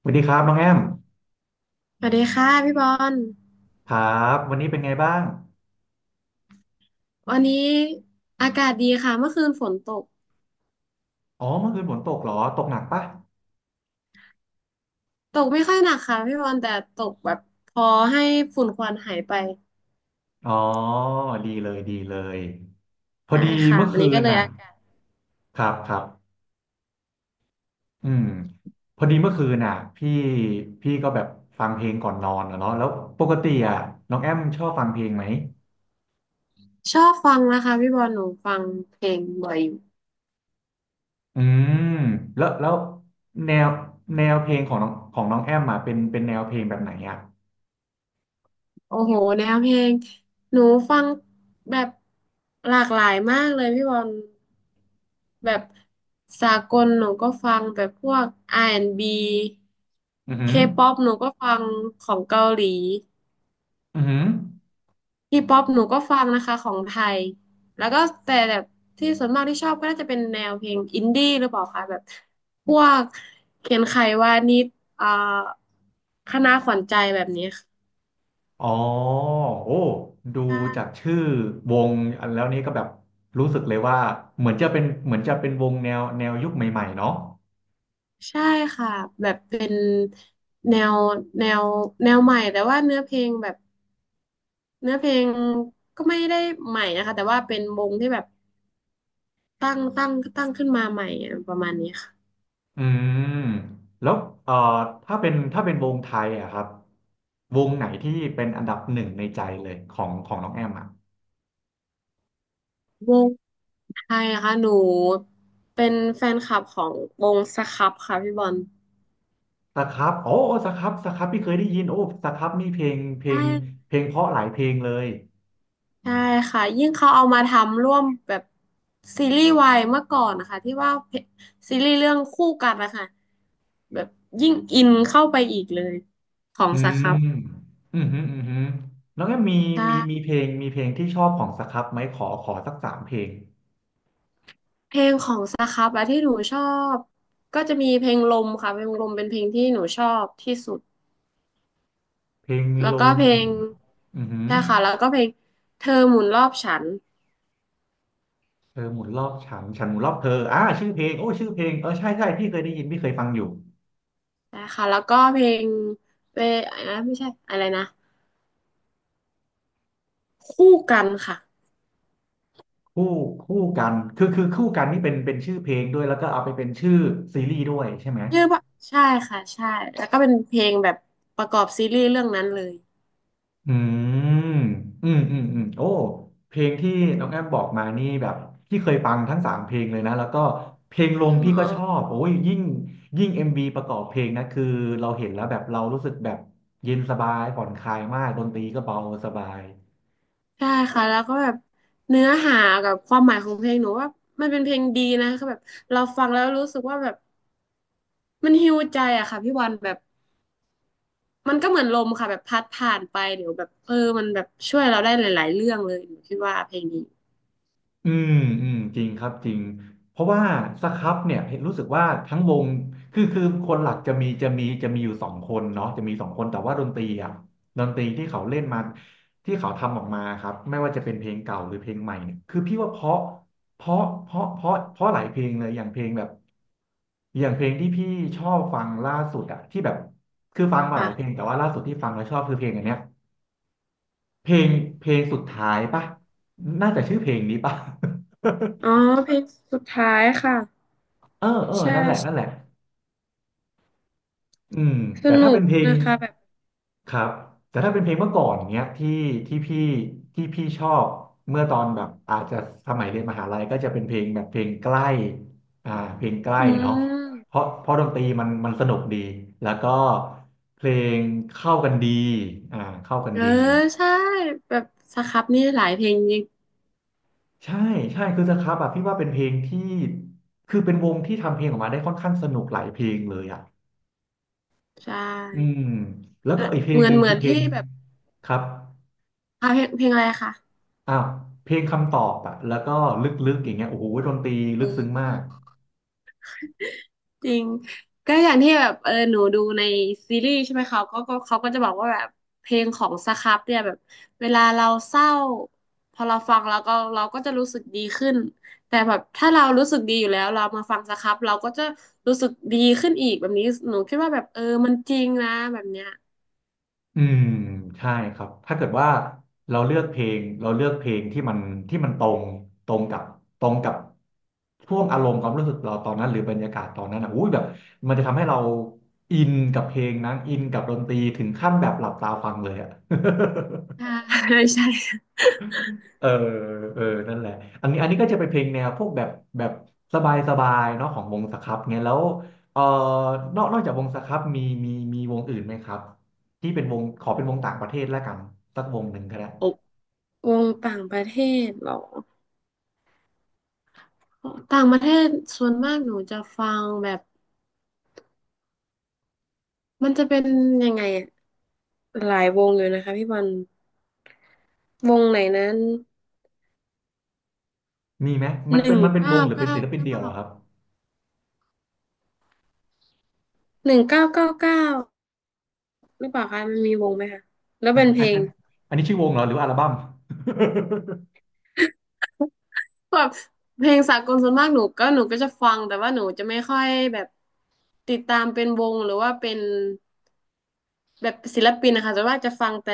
สวัสดีครับน้องแอมสวัสดีค่ะพี่บอลครับวันนี้เป็นไงบ้างวันนี้อากาศดีค่ะเมื่อคืนฝนตกอ๋อเมื่อคืนฝนตกเหรอตกหนักปะตกไม่ค่อยหนักค่ะพี่บอลแต่ตกแบบพอให้ฝุ่นควันหายไปอ๋อดีเลยดีเลยพอได้ดีค่ะเมื่อวันคืนี้ก็นเลยน่ะอากาศครับครับอืมพอดีเมื่อคืนน่ะพี่พี่ก็แบบฟังเพลงก่อนนอนอะเนาะแล้วปกติอ่ะน้องแอมชอบฟังเพลงไหมชอบฟังนะคะพี่บอลหนูฟังเพลงบ่อยอยู่อืมแล้วแนวแนวเพลงของน้องแอมอ่ะเป็นแนวเพลงแบบไหนอ่ะโอ้โหแนวเพลงหนูฟังแบบหลากหลายมากเลยพี่บอลแบบสากลหนูก็ฟังแบบพวก R&B อือหือ K-pop หนูก็ฟังของเกาหลี อือหือ ทีป๊อปหนูก็ฟังนะคะของไทยแล้วก็แต่แบบที่ส่วนมากที่ชอบก็น่าจะเป็นแนวเพลงอินดี้หรือเปล่าคะแบบพวกเขียนไขวานิชอ่าคณะขวัญใจแบบนี้คอ๋อโอ้ดูจาก่ะชื่อวงอันแล้วนี้ก็แบบรู้สึกเลยว่าเหมือนจะเป็นเหมือนจะเป็นวงแนวยุคใหม่ๆเนาะใช่ค่ะแบบเป็นแนวแนวแนวใหม่แต่ว่าเนื้อเพลงแบบเนื้อเพลงก็ไม่ได้ใหม่นะคะแต่ว่าเป็นวงที่แบบตั้งขึ้นมาใหม่อะประมาณนี้ค่ะ อืมแล้วเอ่อถ้าเป็นวงไทยอะครับวงไหนที่เป็นอันดับหนึ่งในใจเลยของน้องแอมอะวงไทยนะคะหนูเป็นแฟนคลับของวงสครับค่ะพี่บอลสครับโอ้โอ้สครับสครับพี่เคยได้ยินโอ้สครับนี่ใช่เพลงเพราะหลายเพลงเลย ใช่ค่ะยิ่งเขาเอามาทำร่วมแบบซีรีส์วายเมื่อก่อนนะคะที่ว่าเพซีรีส์เรื่องคู่กันนะคะแบบยิ่งอินเข้าไปอีกเลยของอืสคมรับอืมฮึอืมฮึแล้วก็มีใมีมีช่เพลงมีเพลงที่ชอบของสครับไหมขอสักสามเพลงเพลงของสครับอะที่หนูชอบก็จะมีเพลงลมค่ะเพลงลมเป็นเพลงที่หนูชอบที่สุดเพลงแล้วลก็มเพลงอือฮึใช่ค่ะแล้วก็เพลงเธอหมุนรอบฉัน เธอหมุนรอบฉันฉันหมุนรอบเธออ่าชื่อเพลงโอ้ชื่อเพลงเออใช่ใช่พี่เคยได้ยินพี่เคยฟังอยู่ นะคะแล้วก็เพลงเปอะไรนะไม่ใช่อะไรนะคู่กันค่ะคู่คู่กันคือคู่กันนี่เป็นชื่อเพลงด้วย แล้วก็เอาไปเป็นชื่อซีรีส์ด้วยใช่ไหม ชื่อว่าใช่ค่ะใช่แล้วก็เป็นเพลงแบบประกอบซีรีส์เรื่องนั้นเลยอืมอืมอืมอืมโอ้เพลงที่น้องแอมบอกมานี่แบบพี่เคยฟังทั้งสามเพลงเลยนะแล้วก็เพลงลอง๋พี่ก็ชออบโอ้ยยิ่งเอ็มวีประกอบเพลงนะคือเราเห็นแล้วแบบเรารู้สึกแบบเย็นสบายผ่อนคลายมากดนตรีก็เบาสบาย ใช่ค่ะแล้วก็แบบเนื้อหากับความหมายของเพลงหนูว่ามันเป็นเพลงดีนะคือแบบเราฟังแล้วรู้สึกว่าแบบมันฮีลใจอะค่ะพี่วันแบบมันก็เหมือนลมค่ะแบบพัดผ่านไปเดี๋ยวแบบเออมันแบบช่วยเราได้หลายๆเรื่องเลยหนูคิดว่าเพลงนี้อืมอืมจริงครับจริงเพราะว่าสครับเนี่ยเห็นรู้สึกว่าทั้งวงคือคนหลักจะมีอยู่สองคนเนาะจะมีสองคนแต่ว่าดนตรีอ่ะดนตรีที่เขาเล่นมาที่เขาทำออกมาครับไม่ว่าจะเป็นเพลงเก่าหรือเพลงใหม่เนี่ยคือพี่ว่าเพราะเพราะเพราะเพราะเพราะหลายเพลงเลยอย่างเพลงแบบอย่างเพลงที่พี่ชอบฟังล่าสุดอ่ะที่แบบคือฟังมาหลายเพลงค่ะแต่ว่าล่าสุดที่ฟังแล้วชอบคือเพลงอันเนี้ยเพลงเพลงสุดท้ายป่ะน่าจะชื่อเพลงนี้ป่ะ อ๋อเพลงสุดท้ายค่ะเออเออใช่ นั่นแหละนั่นแหละอืมสแต่นุถ้าเป็กนเพลงนะคะแบบครับแต่ถ้าเป็นเพลงเมื่อก่อนเนี้ยที่พี่ที่พี่ชอบเมื่อตอนแบบอาจจะสมัยเรียนมหาลัยก็จะเป็นเพลงแบบเพลงใกล้อ่าเพลงใกล้อืเนาะเพมราะเพราะดนตรีมันสนุกดีแล้วก็เพลงเข้ากันดีเข้ากันเออดีใช่แบบสครับนี่หลายเพลงจริงใช่ใช่คือสครับอ่ะพี่ว่าเป็นเพลงที่คือเป็นวงที่ทำเพลงออกมาได้ค่อนข้างสนุกหลายเพลงเลยอ่ะ ใช่อืมแล้วเออก็อีกเพลเหงมือหนนึ่งเหมืคืออนเพลที่งแบบครับอ่ะเพลงเพลงอะไรคะอ้าวเพลงคำตอบอะแล้วก็ลึกๆอย่างเงี้ยโอ้โหดนตรีลึกโอ้ซึ้งมากจริงก็อย่างที่แบบเออหนูดูในซีรีส์ใช่ไหมเขาก็ก็เขาก็จะบอกว่าแบบเพลงของสครับเนี่ยแบบเวลาเราเศร้าพอเราฟังแล้วก็เราก็จะรู้สึกดีขึ้นแต่แบบถ้าเรารู้สึกดีอยู่แล้วเรามาฟังสครับเราก็จะรู้สึกดีขึ้นอีกแบบนี้หนูคิดว่าแบบเออมันจริงนะแบบเนี้ย อืมใช่ครับถ้าเกิดว่าเราเลือกเพลงเราเลือกเพลงที่มันตรงกับตรงกับช่วงอารมณ์ความรู้สึกเราตอนนั้นหรือบรรยากาศตอนนั้นอ่ะอุ้ยแบบมันจะทำให้เราอินกับเพลงนั้นอินกับดนตรีถึงขั้นแบบหลับตาฟังเลยอ่ะ ใช่ ใช่เออเออนั่นแหละอันนี้ก็จะเป็นเพลงแนวพวกแบบสบายสบายเนาะของวงสครับเงียแล้วเออนอกจากวงสครับมีวงอื่นไหมครับที่เป็นวงขอเป็นวงต่างประเทศแล้วกันสักวงหนึ่งก็ได้โอบวงต่างประเทศเหรอต่างประเทศส่วนมากหนูจะฟังแบบมันจะเป็นยังไงอะหลายวงอยู่นะคะพี่บอลวงไหนนั้นมีไหมมัหนเป็นึ่นงมันเป็นวเก้างหรือเป็นเก้าศิลปินเก้าเดี่ยวเหรอะครับหนึ่งเก้าเก้าเก้าหรือเปล่าคะมันมีวงไหมคะแล้วอันเป็นเพอัลนอังนอันนี้ชื่อวงเหรอหรือว่าอัลบั้ม แบบเพลงสากลส่วนมากหนูก็หนูก็จะฟังแต่ว่าหนูจะไม่ค่อยแบบติดตามเป็นวงหรือว่าเป็น แบบศิลปินนะคะแต่ว่าจะฟังแต่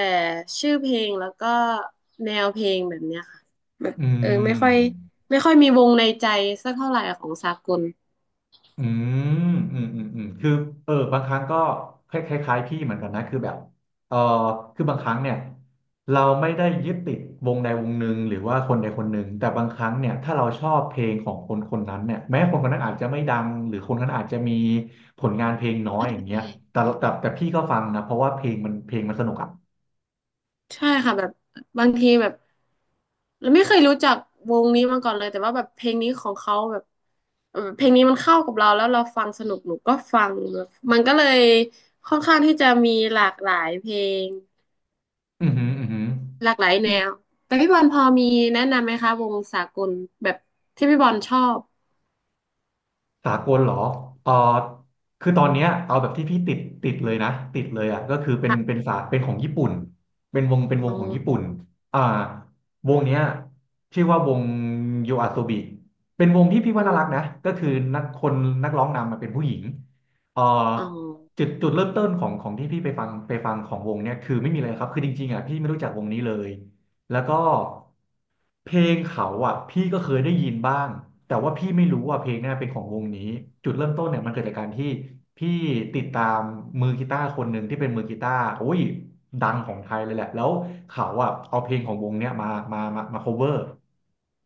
ชื่อเพลงแล้วก็แนวเพลงแบบเนี้ยค่ะแบบ อืเออไม่ม ค่อยมีวงในใจสักเท่าไหร่ของสากลอืมคือเออบางครั้งก็คล้ายๆพี่เหมือนกันนะคือแบบเออคือบางครั้งเนี่ยเราไม่ได้ยึดติดวงใดวงหนึ่งหรือว่าคนใดคนหนึ่ง แต่บางครั้งเนี่ยถ้าเราชอบเพลงของคนคนนั้นเนี่ยแม้คนคนนั้นอาจจะไม่ดังหรือคนคนนั้นอาจจะมีผลงานเพลงน้อยใช่อย่างเงี้ยแต่พี่ก็ฟังนะเพราะว่าเพลงมันสนุกอ่ะใช่ค่ะแบบบางทีแบบเราไม่เคยรู้จักวงนี้มาก่อนเลยแต่ว่าแบบเพลงนี้ของเขาแบบเออเพลงนี้มันเข้ากับเราแล้วเราฟังสนุกหนูก็ฟังแบบมันก็เลยค่อนข้างที่จะมีหลากหลายเพลง อือหืออือหือ หลากหลายแนวแต่พี่บอลพอมีแนะนำไหมคะวงสากลแบบที่พี่บอลชอบสากลเหรอเออคือตอนเนี้ยเอาแบบที่พี่ติดเลยนะติดเลยอ่ะก็คือค่ะเป็นของญี่ปุ่นเป็นวอ๋งอของญี่ปุ่นอ่าวงเนี้ยชื่อว่าวงโยอาโซบิเป็นวงที่พี่อืว่าน่ารักนะมก็คือนักคนนักร้องนำมาเป็นผู้หญิงเอ่ออ๋อจุดเริ่มต้นของที่พี่ไปฟังของวงเนี่ยคือไม่มีอะไรครับคือจริงๆอ่ะพี่ไม่รู้จักวงนี้เลย แล้วก็เพลงเขาอ่ะพี่ก็เคยได้ยินบ้างแต่ว่าพี่ไม่รู้ว่าเพลงเนี่ยเป็นของวงนี้จุดเริ่มต้นเนี่ยมันเกิดจากการที่พี่ติดตามมือกีตาร์คนหนึ่งที่เป็นมือกีตาร์โอ้ยดังของไทยเลยแหละแล้วเขาอ่ะเอาเพลงของวงเนี่ยมามา cover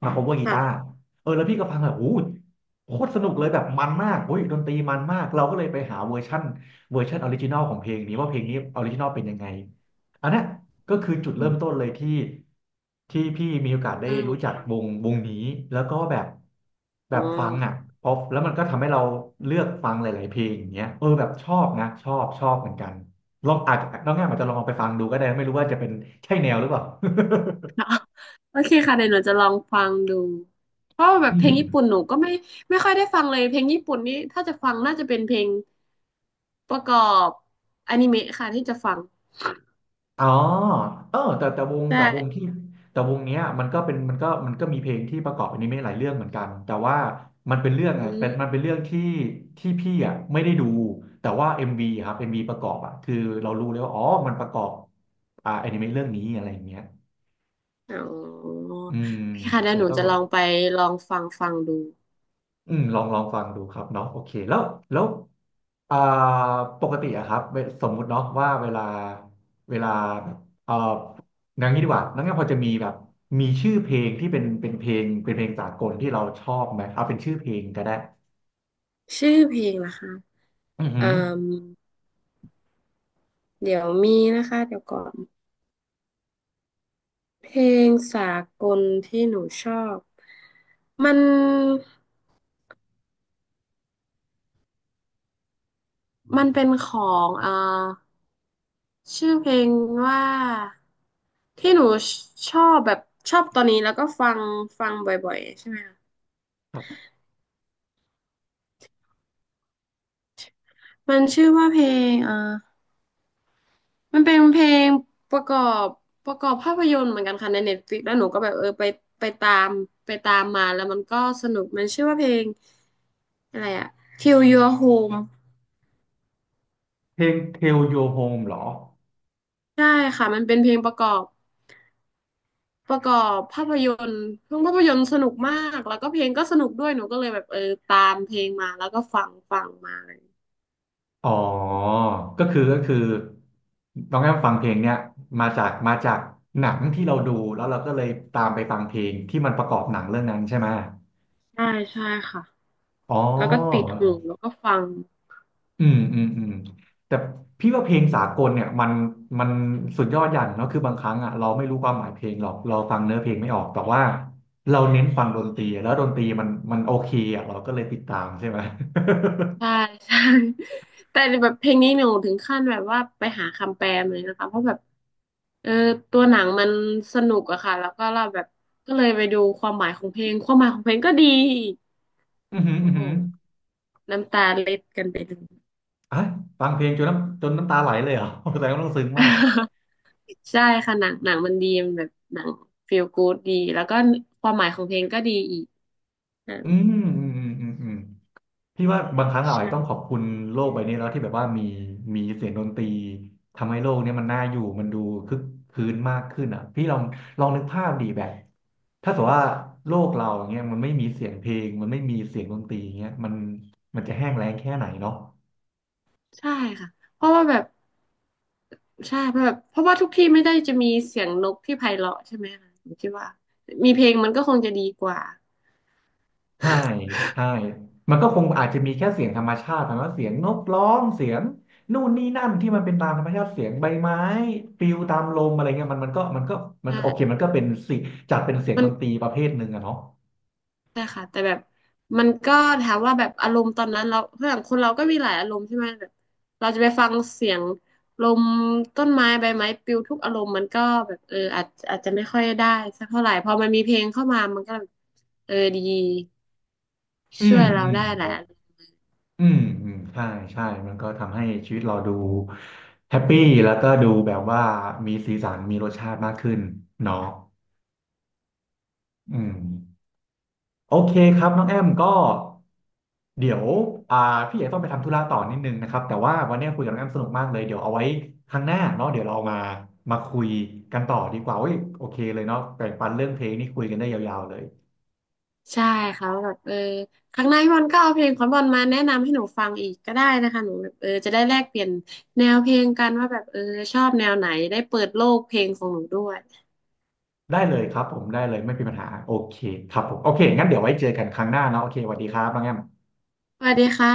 มา cover กีค่ะตาร์เออแล้วพี่ก็ฟังแบบโอ้ยโคตรสนุกเลยแบบมันมากโอ้ยดนตรีมันมากเราก็เลยไปหาเวอร์ชันออริจินอลของเพลงนี้ว่าเพลงนี้ออริจินอลเป็นยังไงอันเนี้ย ก็คือจุดอืเริ่มต้นมเลยที่พี่มีโอกาสได้เริ่มรู้จักฟังวงนี้แล้วก็แบบแบอ๋อ บฟังอ่ะพอแล้วมันก็ทำให้เราเลือกฟังหลายๆเพลงอย่างเงี้ยเออแบบชอบนะชอบเหมือนกันลองอาจจะน้องแง่มอาจจะลองเอาไปฟังดูก็ได้ไม่รู้ว่าจะเป็นใช่แนวหรือเปล่า โอเคค่ะเดี๋ยวหนูจะลองฟังดู เพราะว่าแบบเพอืลงญี่ม ปุ่นหนูก็ไม่ไม่ค่อยได้ฟังเลยเพลงญี่ปุ่นนี่ถ้าจะฟังน่าจะเป็นเพลงประกอบอนิเมะค่ะที่จะฟังอ๋อเออใช่แต่วงที่แต่วงเนี้ยมันก็มีเพลงที่ประกอบอนิเมะหลายเรื่องเหมือนกันแต่ว่าอืมมันเป็นเรื่องที่พี่อ่ะไม่ได้ดูแต่ว่า MV ครับ m ีประกอบอ่ะคือเรารู้เลยว่าอ๋อมันประกอบอ่าอนิเมะเรื่องนี้อะไรอย่างเงี้ยอ๋ออืมพี่ค่ะเดี๋ยอาวจหจะนูต้องจะลลอง องไปลองฟังฟังดูอืมลองฟังดูครับเนาะโอเคแล้วแล้วอ่าปกติอะครับเวสมมุติเนาะว่าเวลาเวลาแบบเอ่ออย่างนี้ดีกว่าน้องแง่พอจะมีแบบมีชื่อเพลงที่เป็นเพลงสากลที่เราชอบไหมเอาเป็นชื่อเพลงก็ได้ชื่อเพลงนะคะอือเอ่อ หือเดี๋ยวมีนะคะเดี๋ยวก่อนเพลงสากลที่หนูชอบมันมันเป็นของชื่อเพลงว่าที่หนูชอบแบบชอบตอนนี้แล้วก็ฟังฟังบ่อยๆใช่ไหมคะครับมันชื่อว่าเพลงมันเป็นเพลงประกอบประกอบภาพยนตร์เหมือนกันค่ะในเน็ตฟลิกแล้วหนูก็แบบเออไปไปตามไปตามมาแล้วมันก็สนุกมันชื่อว่าเพลงอะไรอะ Kill Your Home เพลง Tell Your Home เหรอใช่ค่ะมันเป็นเพลงประกอบประกอบภาพยนตร์เพลงภาพยนตร์สนุกมากแล้วก็เพลงก็สนุกด้วยหนูก็เลยแบบเออตามเพลงมาแล้วก็ฟังฟังมาเลยอ๋อก็คือน้องแอมฟังเพลงเนี้ยมาจากหนังที่เราดูแล้วเราก็เลยตามไปฟังเพลงที่มันประกอบหนังเรื่องนั้นใช่ไหม ใช่ใช่ค่ะอ๋อแล้วก็ติดหูแล้วก็ฟังอืมแต่พี่ว่าเพลงสากลเนี่ยมันสุดยอดอย่างเนาะคือบางครั้งอ่ะเราไม่รู้ความหมายเพลงหรอกเราฟังเนื้อเพลงไม่ออกแต่ว่าเราเน้นฟังดนตรีแล้วดนตรีมันโอเคอ่ะเราก็เลยติดตามใช่ไหม ใช่ใช่ แต่แบบเพลงนี้หนูถึงขั้นแบบว่าไปหาคำแปลมาเลยนะคะเพราะแบบเออตัวหนังมันสนุกอะค่ะแล้วก็เราแบบก็เลยไปดูความหมายของเพลงความหมายของเพลงก็ดีอีก อือหืออืโอ้อโหหือน้ำตาเล็ดกันไปเลย อ่ะฟังเพลงจนน้ำตาไหลเลยเหรอ แสดงว่าต้องซึ้งมากใช่ค่ะหนังหนังมันดีมันแบบหนัง Feel Good ดีแล้วก็ความหมายของเพลงก็ดีอีกนะอือืม พี่ว่าบางครั้งเราอาจใช่จะต้องขอบคุณโลกใบนี้แล้วที่แบบว่ามีเสียงดนตรีทำให้โลกเนี้มันน่าอยู่มันดูคึกคืนมากขึ้นอ่ะพี่ลองนึกภาพดีแบบถ้าสมมติว่าโลกเราอย่างเงี้ยมันไม่มีเสียงเพลงมันไม่มีเสียงดนตรีอย่างเงี้ยมันจะแห้งแล้งแค่ไหนเนาะ ใช่ค่ะเพราะว่าแบบใช่เพราะแบบเพราะว่าทุกที่ไม่ได้จะมีเสียงนกที่ไพเราะใช่ไหมคะผมคิดว่ามีเพลงมันก็คงจะดีกว่าใช่ใช่มันก็คงอาจจะมีแค่เสียงธรรมชาติแต่ว่าเสียงนกร้องเสียงนู่นนี่นั่นที่มันเป็นตามธรรมชาติเสียงใบไม้ปลิวตามลมอะไรเงี้ยมันก็มันก็โอเคใช่ มันก็เป็นสิงจัดเป็นเสียงดนตรีประเภทหนึ่งอะเนาะใช่ค่ะแต่แบบมันก็ถามว่าแบบอารมณ์ตอนนั้นเราเพื่อนคนเราก็มีหลายอารมณ์ใช่ไหมแบบเราจะไปฟังเสียงลมต้นไม้ใบไม้ปลิวทุกอารมณ์มันก็แบบเอออาจจะไม่ค่อยได้สักเท่าไหร่พอมันมีเพลงเข้ามามันก็แบบเออดีอืช่มวยเราอืมได้หลายอารมณ์อืมใช่มันก็ทำให้ชีวิตเราดูแฮปปี้แล้วก็ดูแบบว่ามีสีสันมีรสชาติมากขึ้นเนาะอืมโอเคครับน้องแอมก็ เดี๋ยวอ่าพี่เอกต้องไปทำธุระต่อนิดนึงนะครับแต่ว่าวันนี้คุยกับน้องแอมสนุกมากเลยเดี๋ยวเอาไว้ครั้งหน้าเนาะเดี๋ยวเรามาคุยกันต่อดีกว่าเว้ยโอเคเลยเนาะแบ่งปันเรื่องเพลงนี่คุยกันได้ยาวๆเลยใช่ค่ะว่าแบบเออครั้งหน้าพี่บอลก็เอาเพลงของบอลมาแนะนำให้หนูฟังอีกก็ได้นะคะหนูแบบเออจะได้แลกเปลี่ยนแนวเพลงกันว่าแบบเออชอบแนวไหนได้เปิดโลกเพลงของหนูด้วยได้เลยไม่มีปัญหาโอเคครับผมโอเคงั้นเดี๋ยวไว้เจอกันครั้งหน้าเนาะโอเคสวัสดีครับน้องแอมสวัสดีค่ะ